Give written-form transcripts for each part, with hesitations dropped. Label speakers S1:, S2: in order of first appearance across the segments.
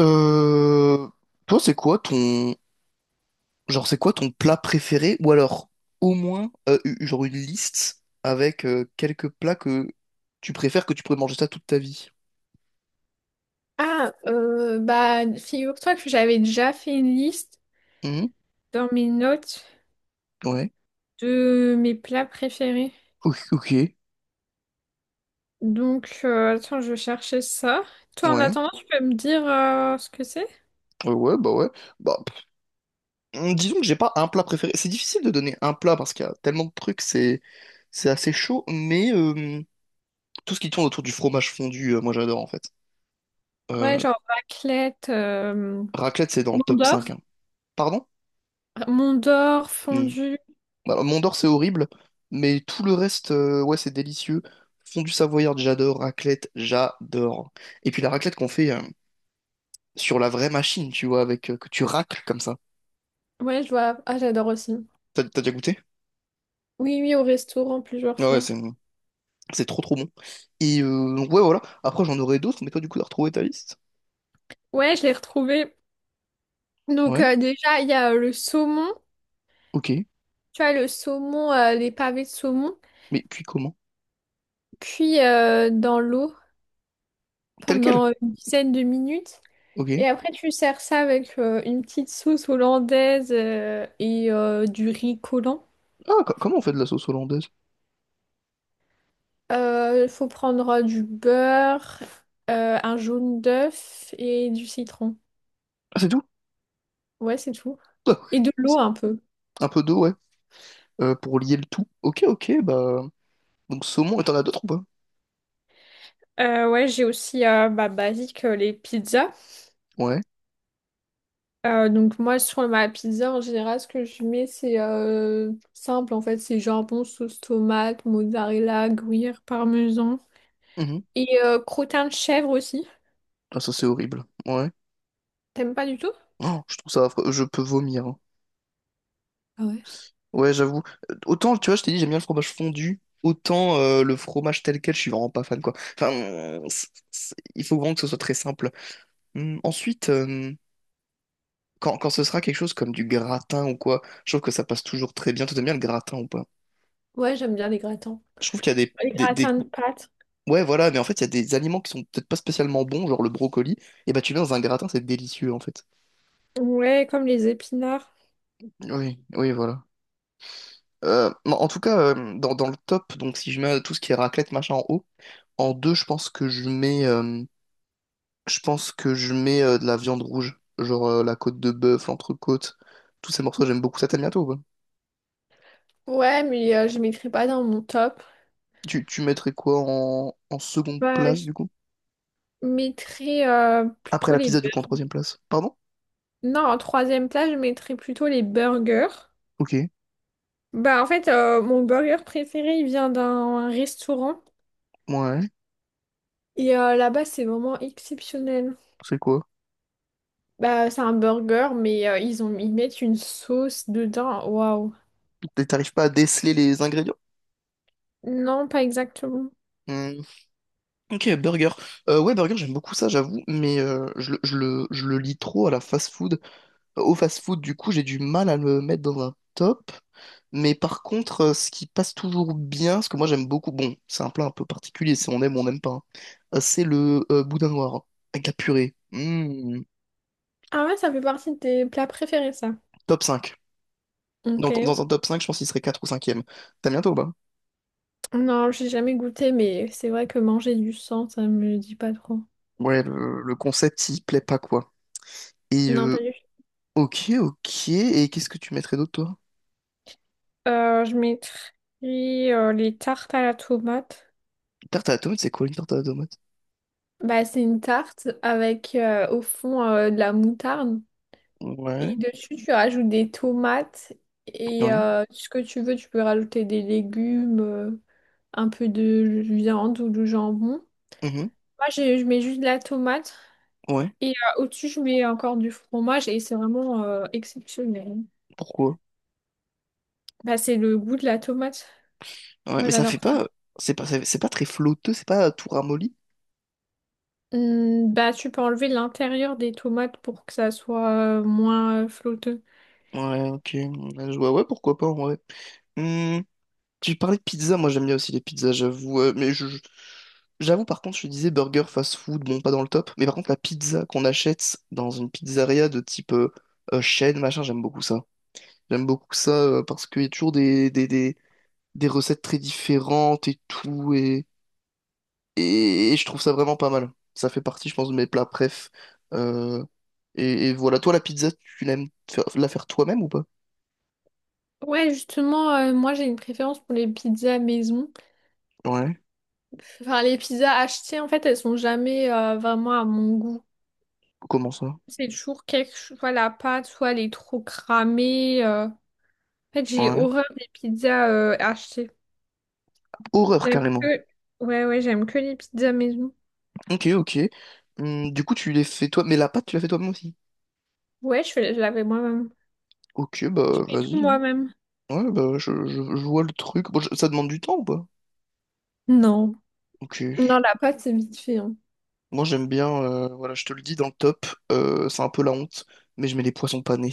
S1: Euh, toi, c'est quoi ton genre, c'est quoi ton plat préféré? Ou alors, au moins, genre une liste avec quelques plats que tu préfères que tu pourrais manger ça toute ta vie.
S2: Ah, figure-toi que j'avais déjà fait une liste
S1: Mhm,
S2: dans mes notes
S1: ouais.
S2: de mes plats préférés.
S1: Ok. Ok.
S2: Donc, attends, je vais chercher ça. Toi, en
S1: Ouais.
S2: attendant, tu peux me dire ce que c'est?
S1: Ouais, ouais. Bah, pff, disons que j'ai pas un plat préféré. C'est difficile de donner un plat parce qu'il y a tellement de trucs, c'est assez chaud. Mais tout ce qui tourne autour du fromage fondu, moi j'adore en fait.
S2: Ouais,
S1: Euh,
S2: genre raclette,
S1: raclette, c'est dans le top
S2: Mondor.
S1: cinq, hein. Pardon?
S2: Mondor,
S1: Hmm.
S2: fondu.
S1: Alors, Mondor, c'est horrible, mais tout le reste, ouais, c'est délicieux. Fondue savoyarde, j'adore. Raclette, j'adore. Et puis la raclette qu'on fait sur la vraie machine, tu vois, avec que tu racles comme ça.
S2: Ouais, je vois. Ah, j'adore aussi.
S1: T'as déjà goûté?
S2: Oui, oui, au restaurant plusieurs
S1: Ah ouais,
S2: fois.
S1: c'est trop trop bon. Et donc, ouais, voilà. Après, j'en aurais d'autres, mais toi, du coup, t'as retrouvé ta liste?
S2: Ouais, je l'ai retrouvé. Donc,
S1: Ouais,
S2: déjà, il y a le saumon.
S1: ok.
S2: Tu vois, le saumon, les pavés de saumon.
S1: Mais puis comment?
S2: Puis, dans l'eau.
S1: Tel quel?
S2: Pendant une dizaine de minutes.
S1: Ok.
S2: Et après, tu sers ça avec une petite sauce hollandaise et du riz collant.
S1: Ah, comment on fait de la sauce hollandaise?
S2: Il faut prendre du beurre, un jaune d'œuf et du citron.
S1: Ah, c'est tout?
S2: Ouais, c'est tout.
S1: Ah,
S2: Et de
S1: ouais.
S2: l'eau un peu.
S1: Un peu d'eau, ouais. Pour lier le tout. Ok, ok, bah. Donc, saumon, et t'en as d'autres ou pas?
S2: Ouais, j'ai aussi basique les pizzas.
S1: Ouais.
S2: Donc moi, sur ma pizza, en général, ce que je mets, c'est simple, en fait. C'est jambon, sauce tomate, mozzarella, gruyère, parmesan. Et crottin de chèvre aussi.
S1: Ah, ça, c'est horrible. Ouais.
S2: T'aimes pas du tout?
S1: Oh, je trouve ça affreux. Je peux vomir, hein.
S2: Ah ouais?
S1: Ouais, j'avoue. Autant, tu vois, je t'ai dit, j'aime bien le fromage fondu. Autant le fromage tel quel, je suis vraiment pas fan, quoi. Enfin, il faut vraiment que ce soit très simple. Ensuite, quand ce sera quelque chose comme du gratin ou quoi, je trouve que ça passe toujours très bien. Tu aimes bien le gratin ou pas?
S2: Ouais, j'aime bien les gratins.
S1: Je trouve qu'il y a des,
S2: Les
S1: des,
S2: gratins
S1: des-
S2: de pâtes.
S1: Ouais, voilà, mais en fait, il y a des aliments qui sont peut-être pas spécialement bons, genre le brocoli. Et bah, tu mets dans un gratin, c'est délicieux, en fait.
S2: Ouais, comme les épinards.
S1: Oui, oui, voilà. En tout cas, dans le top, donc si je mets tout ce qui est raclette, machin en haut, en deux, je pense que je mets de la viande rouge, genre la côte de bœuf, l'entrecôte, tous ces morceaux, j'aime beaucoup ça, t'aimes bien toi ou pas?
S2: Ouais, mais je mettrai pas dans mon top.
S1: Tu mettrais quoi en seconde
S2: Bah,
S1: place
S2: je
S1: du coup?
S2: mettrais
S1: Après
S2: plutôt
S1: la
S2: les
S1: pizza du coup en
S2: burgers.
S1: troisième place. Pardon?
S2: Non, en troisième place je mettrais plutôt les burgers.
S1: Ok,
S2: Bah, en fait, mon burger préféré, il vient d'un restaurant.
S1: ouais,
S2: Et là-bas, c'est vraiment exceptionnel.
S1: c'est quoi?
S2: Bah, c'est un burger, mais ils ont, ils mettent une sauce dedans. Waouh.
S1: T'arrives pas à déceler les ingrédients?
S2: Non, pas exactement.
S1: Hmm, ok, burger. Ouais, burger, j'aime beaucoup ça, j'avoue, mais je le lis trop à la fast-food. Au fast-food, du coup, j'ai du mal à le mettre dans un top. Mais par contre, ce qui passe toujours bien, ce que moi j'aime beaucoup, bon, c'est un plat un peu particulier, si on aime ou on n'aime pas, hein, c'est le boudin noir avec la purée. Mmh,
S2: Ah ouais, ça fait partie de tes plats préférés, ça.
S1: top cinq. Dans,
S2: Ok.
S1: dans un top 5 je pense qu'il serait 4 ou cinquième e T'as bientôt, bah?
S2: Non, j'ai jamais goûté, mais c'est vrai que manger du sang, ça me dit pas trop.
S1: Ouais, le concept, il plaît pas, quoi. Et
S2: Non, pas du tout.
S1: ok, ok. Et qu'est-ce que tu mettrais d'autre, toi?
S2: Je mettrais les tartes à la tomate.
S1: Tarte à la tomate, c'est quoi une tarte à la tomate?
S2: Bah, c'est une tarte avec au fond de la moutarde. Et
S1: Ouais,
S2: dessus, tu rajoutes des tomates et
S1: ouais,
S2: ce que tu veux, tu peux rajouter des légumes, un peu de viande ou du jambon.
S1: mhm,
S2: Moi, je mets juste de la tomate
S1: ouais.
S2: et au-dessus, je mets encore du fromage et c'est vraiment exceptionnel.
S1: Pourquoi?
S2: Bah, c'est le goût de la tomate.
S1: Ouais,
S2: Moi,
S1: mais ça
S2: j'adore
S1: fait
S2: ça.
S1: pas. C'est pas très flotteux, c'est pas tout ramolli.
S2: Bah, tu peux enlever l'intérieur des tomates pour que ça soit moins flotteux.
S1: Ouais, ok. Ouais, ouais, pourquoi pas, ouais. Hmm, tu parlais de pizza, moi j'aime bien aussi les pizzas, j'avoue. Mais j'avoue, par contre, je disais burger, fast-food, bon, pas dans le top. Mais par contre, la pizza qu'on achète dans une pizzeria de type chaîne, machin, j'aime beaucoup ça. J'aime beaucoup ça parce qu'il y a toujours des recettes très différentes et tout. Et je trouve ça vraiment pas mal. Ça fait partie, je pense, de mes plats préf. Euh, et voilà, toi, la pizza, la faire toi-même ou pas?
S2: Ouais, justement, moi, j'ai une préférence pour les pizzas maison.
S1: Ouais,
S2: Enfin, les pizzas achetées, en fait, elles sont jamais vraiment à mon goût.
S1: comment ça?
S2: C'est toujours quelque chose, soit la pâte, soit elle est trop cramée. En fait, j'ai
S1: Ouais.
S2: horreur des pizzas achetées.
S1: Horreur,
S2: J'aime
S1: carrément.
S2: que... Ouais, ouais, j'aime que les pizzas maison.
S1: Ok, ok. Du coup, tu les fais toi, mais la pâte, tu la fais toi-même aussi.
S2: Je l'avais moi-même.
S1: Ok, bah,
S2: Tout
S1: vas-y, hein.
S2: moi-même.
S1: Ouais, bah, je vois le truc. Bon, ça demande du temps ou pas?
S2: Non.
S1: Ok.
S2: Non, la pâte, c'est vite fait, hein.
S1: Moi, j'aime bien, voilà, je te le dis, dans le top, c'est un peu la honte, mais je mets les poissons panés.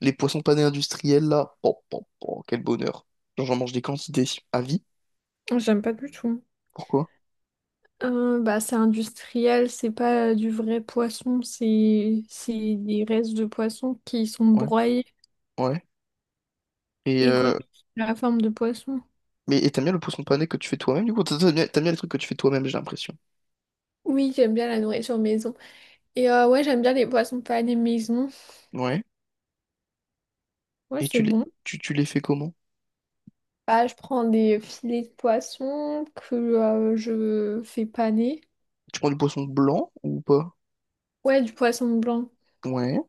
S1: Les poissons panés industriels, là, oh, oh, oh, quel bonheur. Genre, j'en mange des quantités à vie.
S2: J'aime pas du tout.
S1: Pourquoi?
S2: C'est industriel, c'est pas du vrai poisson, c'est des restes de poisson qui sont
S1: Ouais,
S2: broyés
S1: ouais. Et,
S2: et remis
S1: euh,
S2: sous la forme de poisson.
S1: mais t'aimes bien le poisson pané que tu fais toi-même, du coup? T'aimes bien les trucs que tu fais toi-même, j'ai l'impression.
S2: Oui, j'aime bien la nourriture maison. Et ouais, j'aime bien les poissons panés maison.
S1: Ouais.
S2: Ouais,
S1: Et
S2: c'est
S1: tu les,
S2: bon.
S1: tu, tu les fais comment?
S2: Bah, je prends des filets de poisson que je fais paner.
S1: Tu prends du poisson blanc ou pas?
S2: Ouais, du poisson blanc.
S1: Ouais.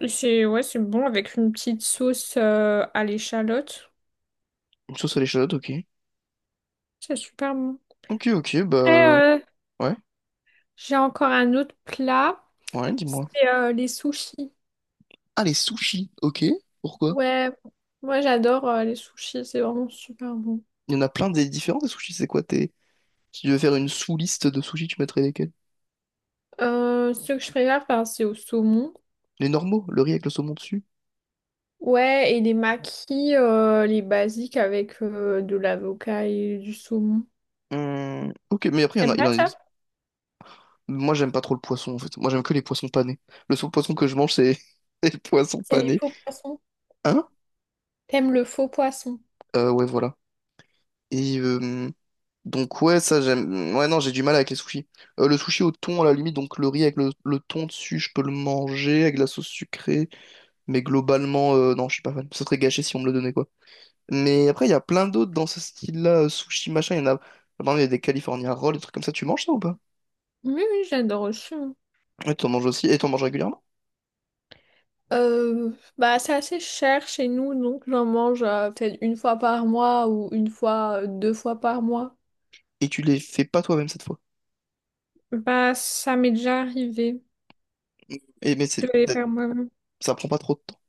S2: Et c'est ouais, c'est bon avec une petite sauce à l'échalote.
S1: Une sauce à l'échalote, ok.
S2: C'est super bon.
S1: Ok, ok,
S2: Après,
S1: bah,
S2: euh,
S1: ouais,
S2: j'ai encore un autre plat.
S1: ouais,
S2: C'est
S1: dis-moi.
S2: les sushis.
S1: Ah, les sushis, ok. Pourquoi?
S2: Ouais, moi j'adore les sushis, c'est vraiment super bon.
S1: Il y en a plein des différents des sushis, c'est quoi? T'es Si tu devais faire une sous-liste de sushis, tu mettrais lesquels?
S2: Ce que je préfère faire, c'est au saumon.
S1: Les normaux, le riz avec le saumon dessus?
S2: Ouais, et les makis, les basiques avec de l'avocat et du saumon.
S1: Ok, mais après, il y en a,
S2: T'aimes
S1: il
S2: pas
S1: en
S2: ça?
S1: existe. Moi, j'aime pas trop le poisson, en fait. Moi, j'aime que les poissons panés. Le seul poisson que je mange, c'est les poissons
S2: C'est les
S1: panés.
S2: faux poissons.
S1: Hein?
S2: T'aimes le faux poisson?
S1: Ouais, voilà. Et donc, ouais, ça, j'aime. Ouais, non, j'ai du mal avec les sushis. Le sushi au thon, à la limite, donc le riz avec le thon dessus, je peux le manger avec de la sauce sucrée. Mais globalement, non, je suis pas fan. Ça serait gâché si on me le donnait, quoi. Mais après, il y a plein d'autres dans ce style-là, sushi, machin. Il y en a, par exemple, il y a des California Rolls, des trucs comme ça. Tu manges ça ou pas?
S2: Oui, oui, j'adore aussi, hein.
S1: Ouais, t'en manges aussi, et t'en manges régulièrement.
S2: Euh, c'est assez cher chez nous, donc j'en mange peut-être une fois par mois ou une fois, 2 fois par mois.
S1: Et tu les fais pas toi-même cette fois.
S2: Bah, ça m'est déjà arrivé
S1: Et mais
S2: de les faire moi.
S1: ça prend pas trop de temps.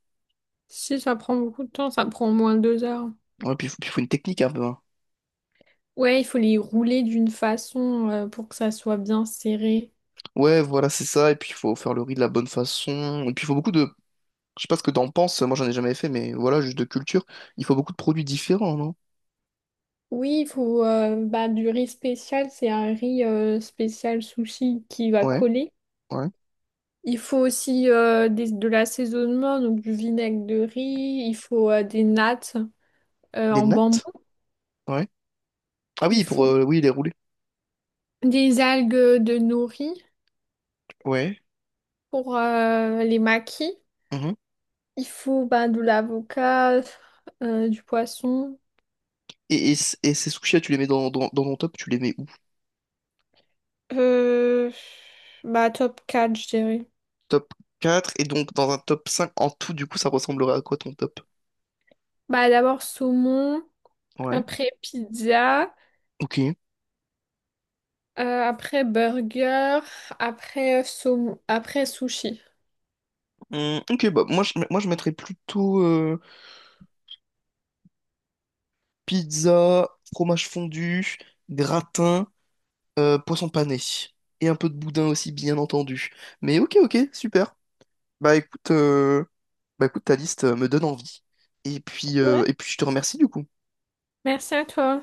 S2: Si ça prend beaucoup de temps, ça prend au moins 2 heures.
S1: Ouais, puis faut une technique un peu, hein.
S2: Ouais, il faut les rouler d'une façon pour que ça soit bien serré.
S1: Ouais, voilà, c'est ça. Et puis il faut faire le riz de la bonne façon. Et puis il faut beaucoup de. Je sais pas ce que t'en penses, moi j'en ai jamais fait, mais voilà, juste de culture. Il faut beaucoup de produits différents, non?
S2: Oui, il faut du riz spécial, c'est un riz spécial sushi qui va
S1: Ouais,
S2: coller.
S1: ouais.
S2: Il faut aussi de l'assaisonnement, donc du vinaigre de riz, il faut des nattes
S1: Des
S2: en bambou,
S1: nattes? Ouais. Ah oui,
S2: il
S1: pour
S2: faut
S1: oui, les rouler.
S2: des algues de nori
S1: Ouais.
S2: pour les makis. Il faut bah, de l'avocat, du poisson.
S1: Et ces sushis tu les mets dans ton top, tu les mets où?
S2: Euh, top 4 je dirais.
S1: Top 4 et donc dans un top 5 en tout, du coup, ça ressemblerait à quoi ton top?
S2: Bah, d'abord saumon,
S1: Ouais,
S2: après pizza,
S1: ok.
S2: après burger, après saumon, après sushi.
S1: Ok, bah moi je mettrais plutôt pizza, fromage fondu, gratin, poisson pané. Et un peu de boudin aussi, bien entendu. Mais ok, ok, super. Bah écoute, euh, bah, écoute ta liste me donne envie. Et puis, euh,
S2: Ouais.
S1: et puis je te remercie du coup.
S2: Merci à toi.